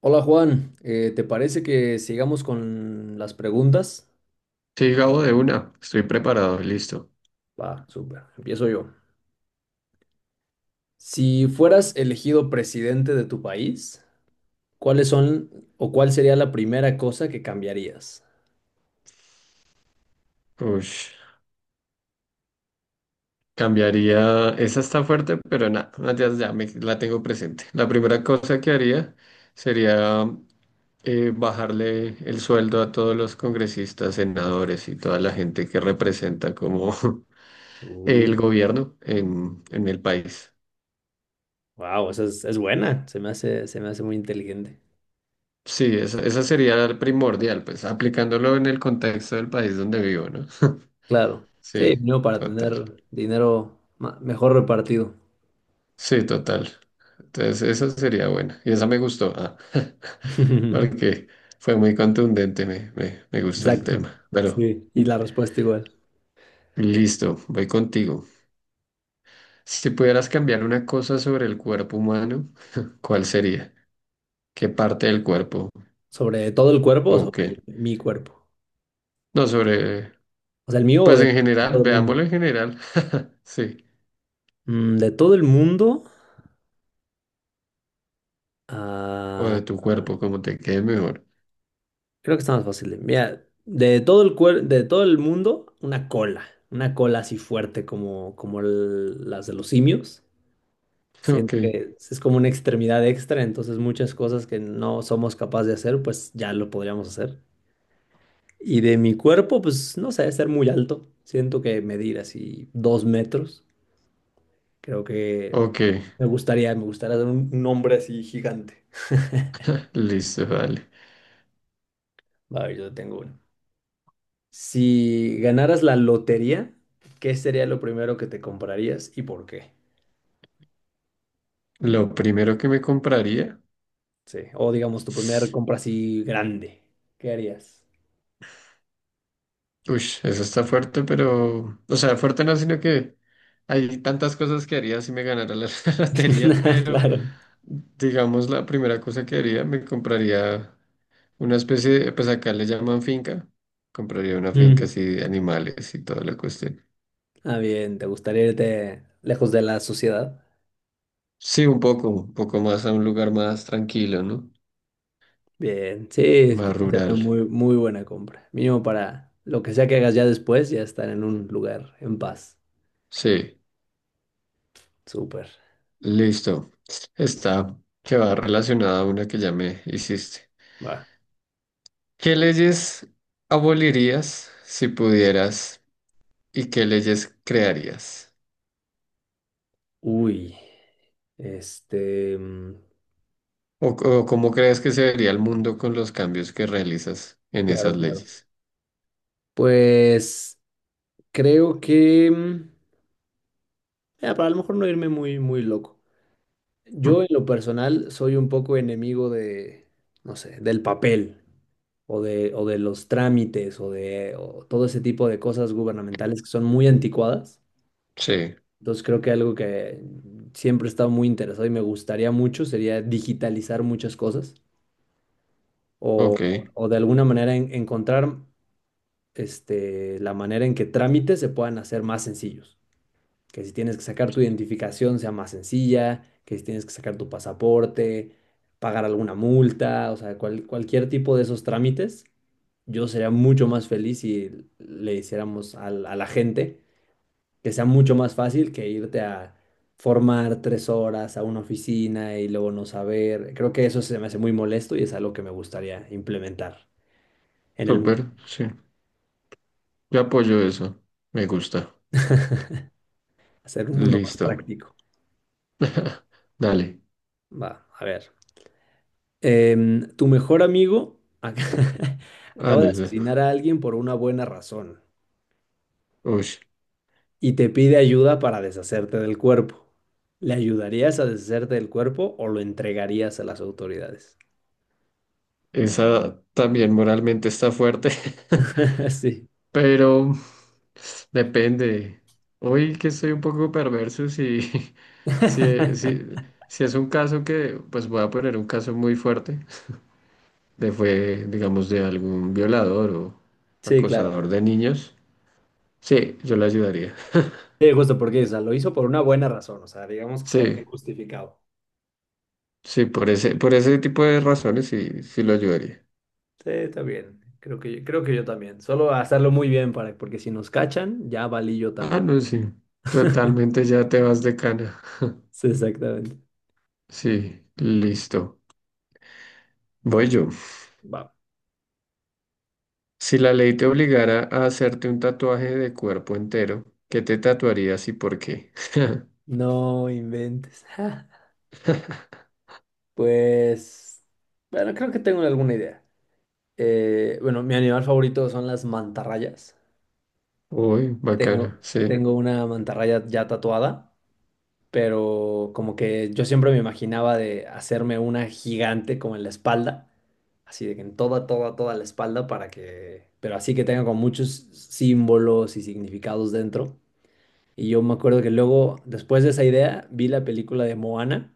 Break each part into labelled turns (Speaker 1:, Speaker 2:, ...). Speaker 1: Hola Juan, ¿te parece que sigamos con las preguntas?
Speaker 2: Sí, Gabo, de una. Estoy preparado, listo.
Speaker 1: Va, súper, empiezo yo. Si fueras elegido presidente de tu país, ¿cuáles son o cuál sería la primera cosa que cambiarías?
Speaker 2: Ush. Cambiaría. Esa está fuerte, pero nada, ya me, la tengo presente. La primera cosa que haría sería bajarle el sueldo a todos los congresistas, senadores y toda la gente que representa como
Speaker 1: Uh,
Speaker 2: el gobierno en el país.
Speaker 1: wow, esa es buena, se me hace muy inteligente.
Speaker 2: Sí, esa sería la primordial, pues aplicándolo en el contexto del país donde vivo, ¿no?
Speaker 1: Claro, sí,
Speaker 2: Sí,
Speaker 1: no para
Speaker 2: total.
Speaker 1: tener dinero mejor repartido.
Speaker 2: Sí, total. Entonces, esa sería buena. Y esa me gustó, ah, porque fue muy contundente, me gusta el
Speaker 1: Exacto,
Speaker 2: tema. Pero
Speaker 1: sí, y la respuesta igual.
Speaker 2: listo, voy contigo. Si pudieras cambiar una cosa sobre el cuerpo humano, ¿cuál sería? ¿Qué parte del cuerpo?
Speaker 1: ¿Sobre todo el cuerpo o
Speaker 2: ¿O
Speaker 1: sobre
Speaker 2: qué?
Speaker 1: mi cuerpo?
Speaker 2: No, sobre,
Speaker 1: O sea, el mío o
Speaker 2: pues
Speaker 1: de
Speaker 2: en general,
Speaker 1: todo el mundo.
Speaker 2: veámoslo en general. Sí,
Speaker 1: De todo el mundo,
Speaker 2: o
Speaker 1: ah,
Speaker 2: de tu cuerpo, como te quede mejor.
Speaker 1: creo que está más fácil. Mira, de todo el de todo el mundo, una cola así fuerte como las de los simios.
Speaker 2: Ok,
Speaker 1: Siento que es como una extremidad extra, entonces muchas cosas que no somos capaces de hacer, pues ya lo podríamos hacer. Y de mi cuerpo, pues no sé, ser muy alto. Siento que medir así 2 metros, creo que
Speaker 2: ok,
Speaker 1: me gustaría ser un hombre así gigante.
Speaker 2: listo, vale.
Speaker 1: A ver, yo tengo uno. Si ganaras la lotería, ¿qué sería lo primero que te comprarías y por qué?
Speaker 2: Lo primero que me compraría.
Speaker 1: Sí. O digamos, tu primera compra así grande. ¿Qué harías?
Speaker 2: Uy, eso está fuerte, pero, o sea, fuerte no, sino que hay tantas cosas que haría si me ganara la, lotería, pero
Speaker 1: Claro.
Speaker 2: digamos la primera cosa que haría, me compraría una especie de, pues acá le llaman finca, compraría una
Speaker 1: Mm.
Speaker 2: finca
Speaker 1: Ok.
Speaker 2: así de animales y toda la cuestión.
Speaker 1: Ah, bien, ¿te gustaría irte lejos de la sociedad?
Speaker 2: Sí, un poco más a un lugar más tranquilo, ¿no?
Speaker 1: Bien, sí, creo
Speaker 2: Más
Speaker 1: que sería una
Speaker 2: rural.
Speaker 1: muy, muy buena compra. Mínimo para lo que sea que hagas ya después, ya estar en un lugar en paz.
Speaker 2: Sí,
Speaker 1: Súper.
Speaker 2: listo. Está, que va relacionada a una que ya me hiciste.
Speaker 1: Va.
Speaker 2: ¿Qué leyes abolirías si pudieras y qué leyes crearías?
Speaker 1: Uy. Este. mm,
Speaker 2: O cómo crees que se vería el mundo con los cambios que realizas en
Speaker 1: Claro,
Speaker 2: esas
Speaker 1: claro.
Speaker 2: leyes?
Speaker 1: Pues. Creo que para a lo mejor no irme muy, muy loco. Yo
Speaker 2: Hmm.
Speaker 1: en lo personal soy un poco enemigo de, no sé, del papel o de los trámites o todo ese tipo de cosas gubernamentales que son muy anticuadas.
Speaker 2: Sí,
Speaker 1: Entonces creo que algo que siempre he estado muy interesado y me gustaría mucho sería digitalizar muchas cosas o,
Speaker 2: ok,
Speaker 1: o de alguna manera encontrar la manera en que trámites se puedan hacer más sencillos. Que si tienes que sacar tu identificación sea más sencilla, que si tienes que sacar tu pasaporte, pagar alguna multa, o sea, cualquier tipo de esos trámites, yo sería mucho más feliz si le hiciéramos a la gente que sea mucho más fácil que irte a formar 3 horas a una oficina y luego no saber. Creo que eso se me hace muy molesto y es algo que me gustaría implementar en el mundo,
Speaker 2: súper, sí. Yo apoyo eso, me gusta.
Speaker 1: hacer un mundo más
Speaker 2: Listo.
Speaker 1: práctico.
Speaker 2: Dale.
Speaker 1: Va, a ver. Tu mejor amigo
Speaker 2: Ah,
Speaker 1: acaba
Speaker 2: no,
Speaker 1: de
Speaker 2: esa.
Speaker 1: asesinar a alguien por una buena razón
Speaker 2: Ush,
Speaker 1: y te pide ayuda para deshacerte del cuerpo. ¿Le ayudarías a deshacerte del cuerpo o lo entregarías a las autoridades?
Speaker 2: esa también moralmente está fuerte.
Speaker 1: Sí.
Speaker 2: Pero depende. Hoy que estoy un poco perverso, si, si, si, si es un caso que, pues voy a poner un caso muy fuerte, de fue, digamos, de algún violador o
Speaker 1: Sí, claro.
Speaker 2: acosador de niños, sí, yo lo ayudaría.
Speaker 1: Sí, justo porque, o sea, lo hizo por una buena razón, o sea, digamos que está bien
Speaker 2: Sí,
Speaker 1: justificado.
Speaker 2: sí, por ese tipo de razones sí, sí lo ayudaría.
Speaker 1: Sí, está bien. Creo que yo también. Solo hacerlo muy bien para, porque si nos cachan, ya valí yo
Speaker 2: Ah,
Speaker 1: también.
Speaker 2: no, sí. Totalmente ya te vas de cana.
Speaker 1: Sí, exactamente.
Speaker 2: Sí, listo. Voy yo.
Speaker 1: Va.
Speaker 2: Si la ley te obligara a hacerte un tatuaje de cuerpo entero, ¿qué te tatuarías y por qué?
Speaker 1: No inventes. Pues, bueno, creo que tengo alguna idea. Bueno, mi animal favorito son las mantarrayas.
Speaker 2: Uy, bacana,
Speaker 1: Tengo,
Speaker 2: sí,
Speaker 1: tengo una mantarraya ya tatuada, pero como que yo siempre me imaginaba de hacerme una gigante como en la espalda, así de que en toda, toda, toda la espalda para que, pero así que tenga con muchos símbolos y significados dentro. Y yo me acuerdo que luego, después de esa idea, vi la película de Moana.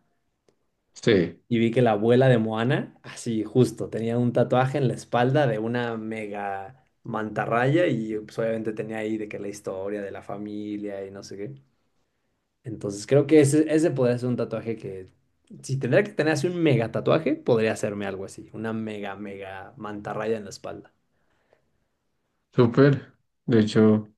Speaker 2: sí,
Speaker 1: Y vi que la abuela de Moana, así justo, tenía un tatuaje en la espalda de una mega mantarraya y pues, obviamente tenía ahí de que la historia de la familia y no sé qué. Entonces creo que ese podría ser un tatuaje que, si tendría que tener así un mega tatuaje, podría hacerme algo así, una mega, mega mantarraya en la espalda.
Speaker 2: súper. De hecho,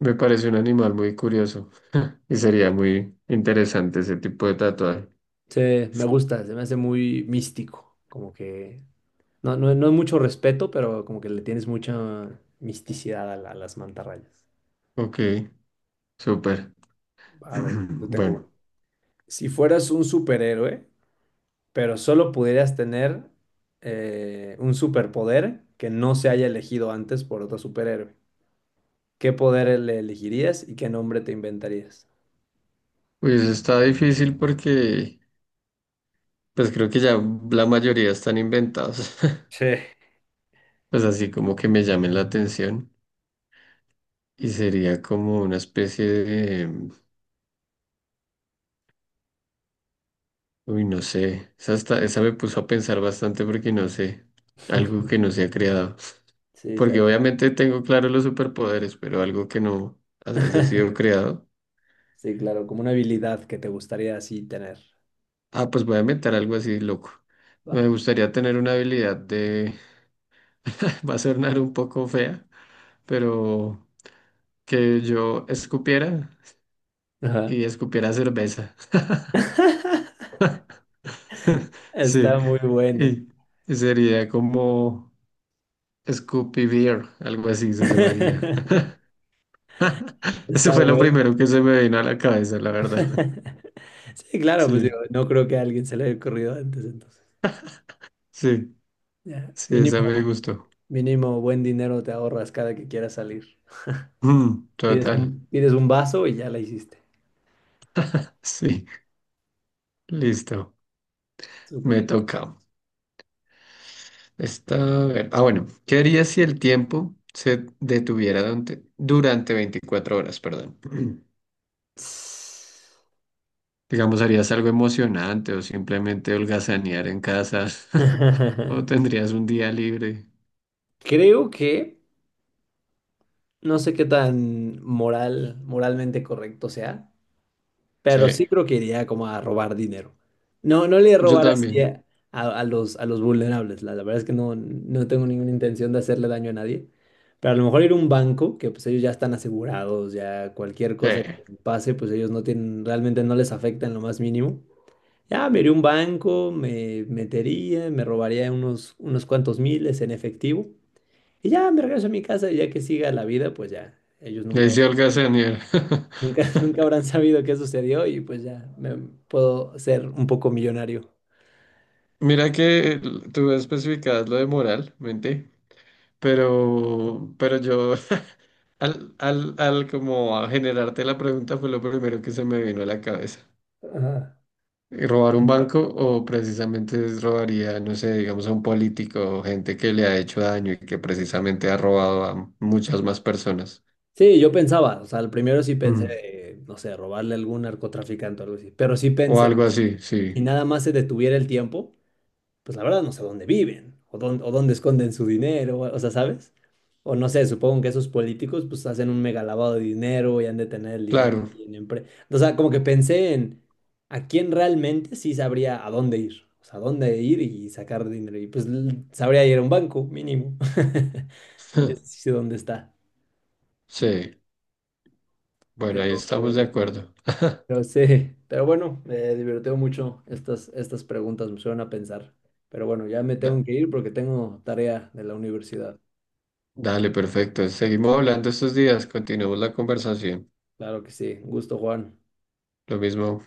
Speaker 2: me parece un animal muy curioso y sería muy interesante ese tipo de tatuaje.
Speaker 1: Sí, me gusta, se me hace muy místico, como que no, no, no es mucho respeto, pero como que le tienes mucha misticidad a, a las mantarrayas.
Speaker 2: Ok, súper.
Speaker 1: A ver, yo tengo una.
Speaker 2: Bueno,
Speaker 1: Si fueras un superhéroe, pero solo pudieras tener un superpoder que no se haya elegido antes por otro superhéroe, ¿qué poder le elegirías y qué nombre te inventarías?
Speaker 2: pues está difícil porque pues creo que ya la mayoría están inventados, pues así como que me llamen la atención y sería como una especie de... Uy, no sé. Esa, hasta- esa me puso a pensar bastante porque no sé. Algo
Speaker 1: Sí.
Speaker 2: que no se ha creado.
Speaker 1: Sí,
Speaker 2: Porque obviamente tengo claro los superpoderes, pero algo que no haya sido creado.
Speaker 1: Sí, claro, como una habilidad que te gustaría así tener.
Speaker 2: Ah, pues voy a inventar algo así loco. Me
Speaker 1: Va.
Speaker 2: gustaría tener una habilidad de... Va a sonar un poco fea, pero que yo escupiera
Speaker 1: Ajá.
Speaker 2: y escupiera cerveza. Sí.
Speaker 1: Está muy buena.
Speaker 2: Y y sería como Scoopy Beer, algo así se llamaría. Eso
Speaker 1: Está
Speaker 2: fue lo
Speaker 1: buena.
Speaker 2: primero que se me vino a la cabeza, la verdad.
Speaker 1: Sí, claro, pues digo,
Speaker 2: Sí,
Speaker 1: no creo que a alguien se le haya ocurrido antes, entonces.
Speaker 2: sí,
Speaker 1: Ya,
Speaker 2: sí, esa me
Speaker 1: Mínimo.
Speaker 2: gustó.
Speaker 1: Mínimo buen dinero te ahorras cada que quieras salir.
Speaker 2: Mm,
Speaker 1: Pides un,
Speaker 2: total.
Speaker 1: pides un vaso y ya la hiciste.
Speaker 2: Sí, listo.
Speaker 1: Súper.
Speaker 2: Me toca. Esta, a ver. Ah, bueno. ¿Qué harías si el tiempo se detuviera durante 24 horas? Perdón. Digamos, ¿harías algo emocionante o simplemente holgazanear en casa? ¿O tendrías un día libre?
Speaker 1: Creo que no sé qué tan moralmente correcto sea,
Speaker 2: Sí,
Speaker 1: pero sí creo que iría como a robar dinero. No, no le
Speaker 2: yo
Speaker 1: robar así
Speaker 2: también.
Speaker 1: a los vulnerables. La verdad es que no tengo ninguna intención de hacerle daño a nadie. Pero a lo mejor ir a un banco, que pues ellos ya están asegurados, ya cualquier
Speaker 2: Sí,
Speaker 1: cosa que
Speaker 2: le
Speaker 1: pase, pues ellos no tienen, realmente no les afecta en lo más mínimo. Ya me iría a un banco, me metería, me robaría unos cuantos miles en efectivo. Y ya me regreso a mi casa y ya que siga la vida, pues ya, ellos nunca
Speaker 2: decía holgazanear.
Speaker 1: Nunca habrán sabido qué sucedió y pues ya me puedo ser un poco millonario.
Speaker 2: Mira que tú especificabas lo de moral, mente, pero yo al como a generarte la pregunta fue lo primero que se me vino a la cabeza.
Speaker 1: Ajá.
Speaker 2: ¿Robar un banco o precisamente es robaría, no sé, digamos a un político o gente que le ha hecho daño y que precisamente ha robado a muchas más personas?
Speaker 1: Sí, yo pensaba, o sea, al primero sí pensé,
Speaker 2: Mm,
Speaker 1: no sé, robarle a algún narcotraficante o algo así, pero sí
Speaker 2: o
Speaker 1: pensé
Speaker 2: algo
Speaker 1: que
Speaker 2: así, sí,
Speaker 1: si nada más se detuviera el tiempo, pues la verdad no sé dónde viven o dónde esconden su dinero, o sea, ¿sabes? O no sé, supongo que esos políticos pues hacen un mega lavado de dinero y han de tener el dinero.
Speaker 2: claro.
Speaker 1: O sea, como que pensé en a quién realmente sí sabría a dónde ir, o sea, a dónde ir y sacar dinero. Y pues sabría ir a un banco mínimo. Ese sí sé dónde está.
Speaker 2: Sí, bueno, ahí
Speaker 1: Pero,
Speaker 2: estamos de acuerdo.
Speaker 1: pero sí, pero bueno, me divirtió mucho estas preguntas, me suelen a pensar. Pero bueno, ya me tengo
Speaker 2: Da-
Speaker 1: que ir porque tengo tarea de la universidad.
Speaker 2: Dale, perfecto. Seguimos hablando estos días, continuemos la conversación.
Speaker 1: Claro que sí. Un gusto, Juan.
Speaker 2: Lo mismo.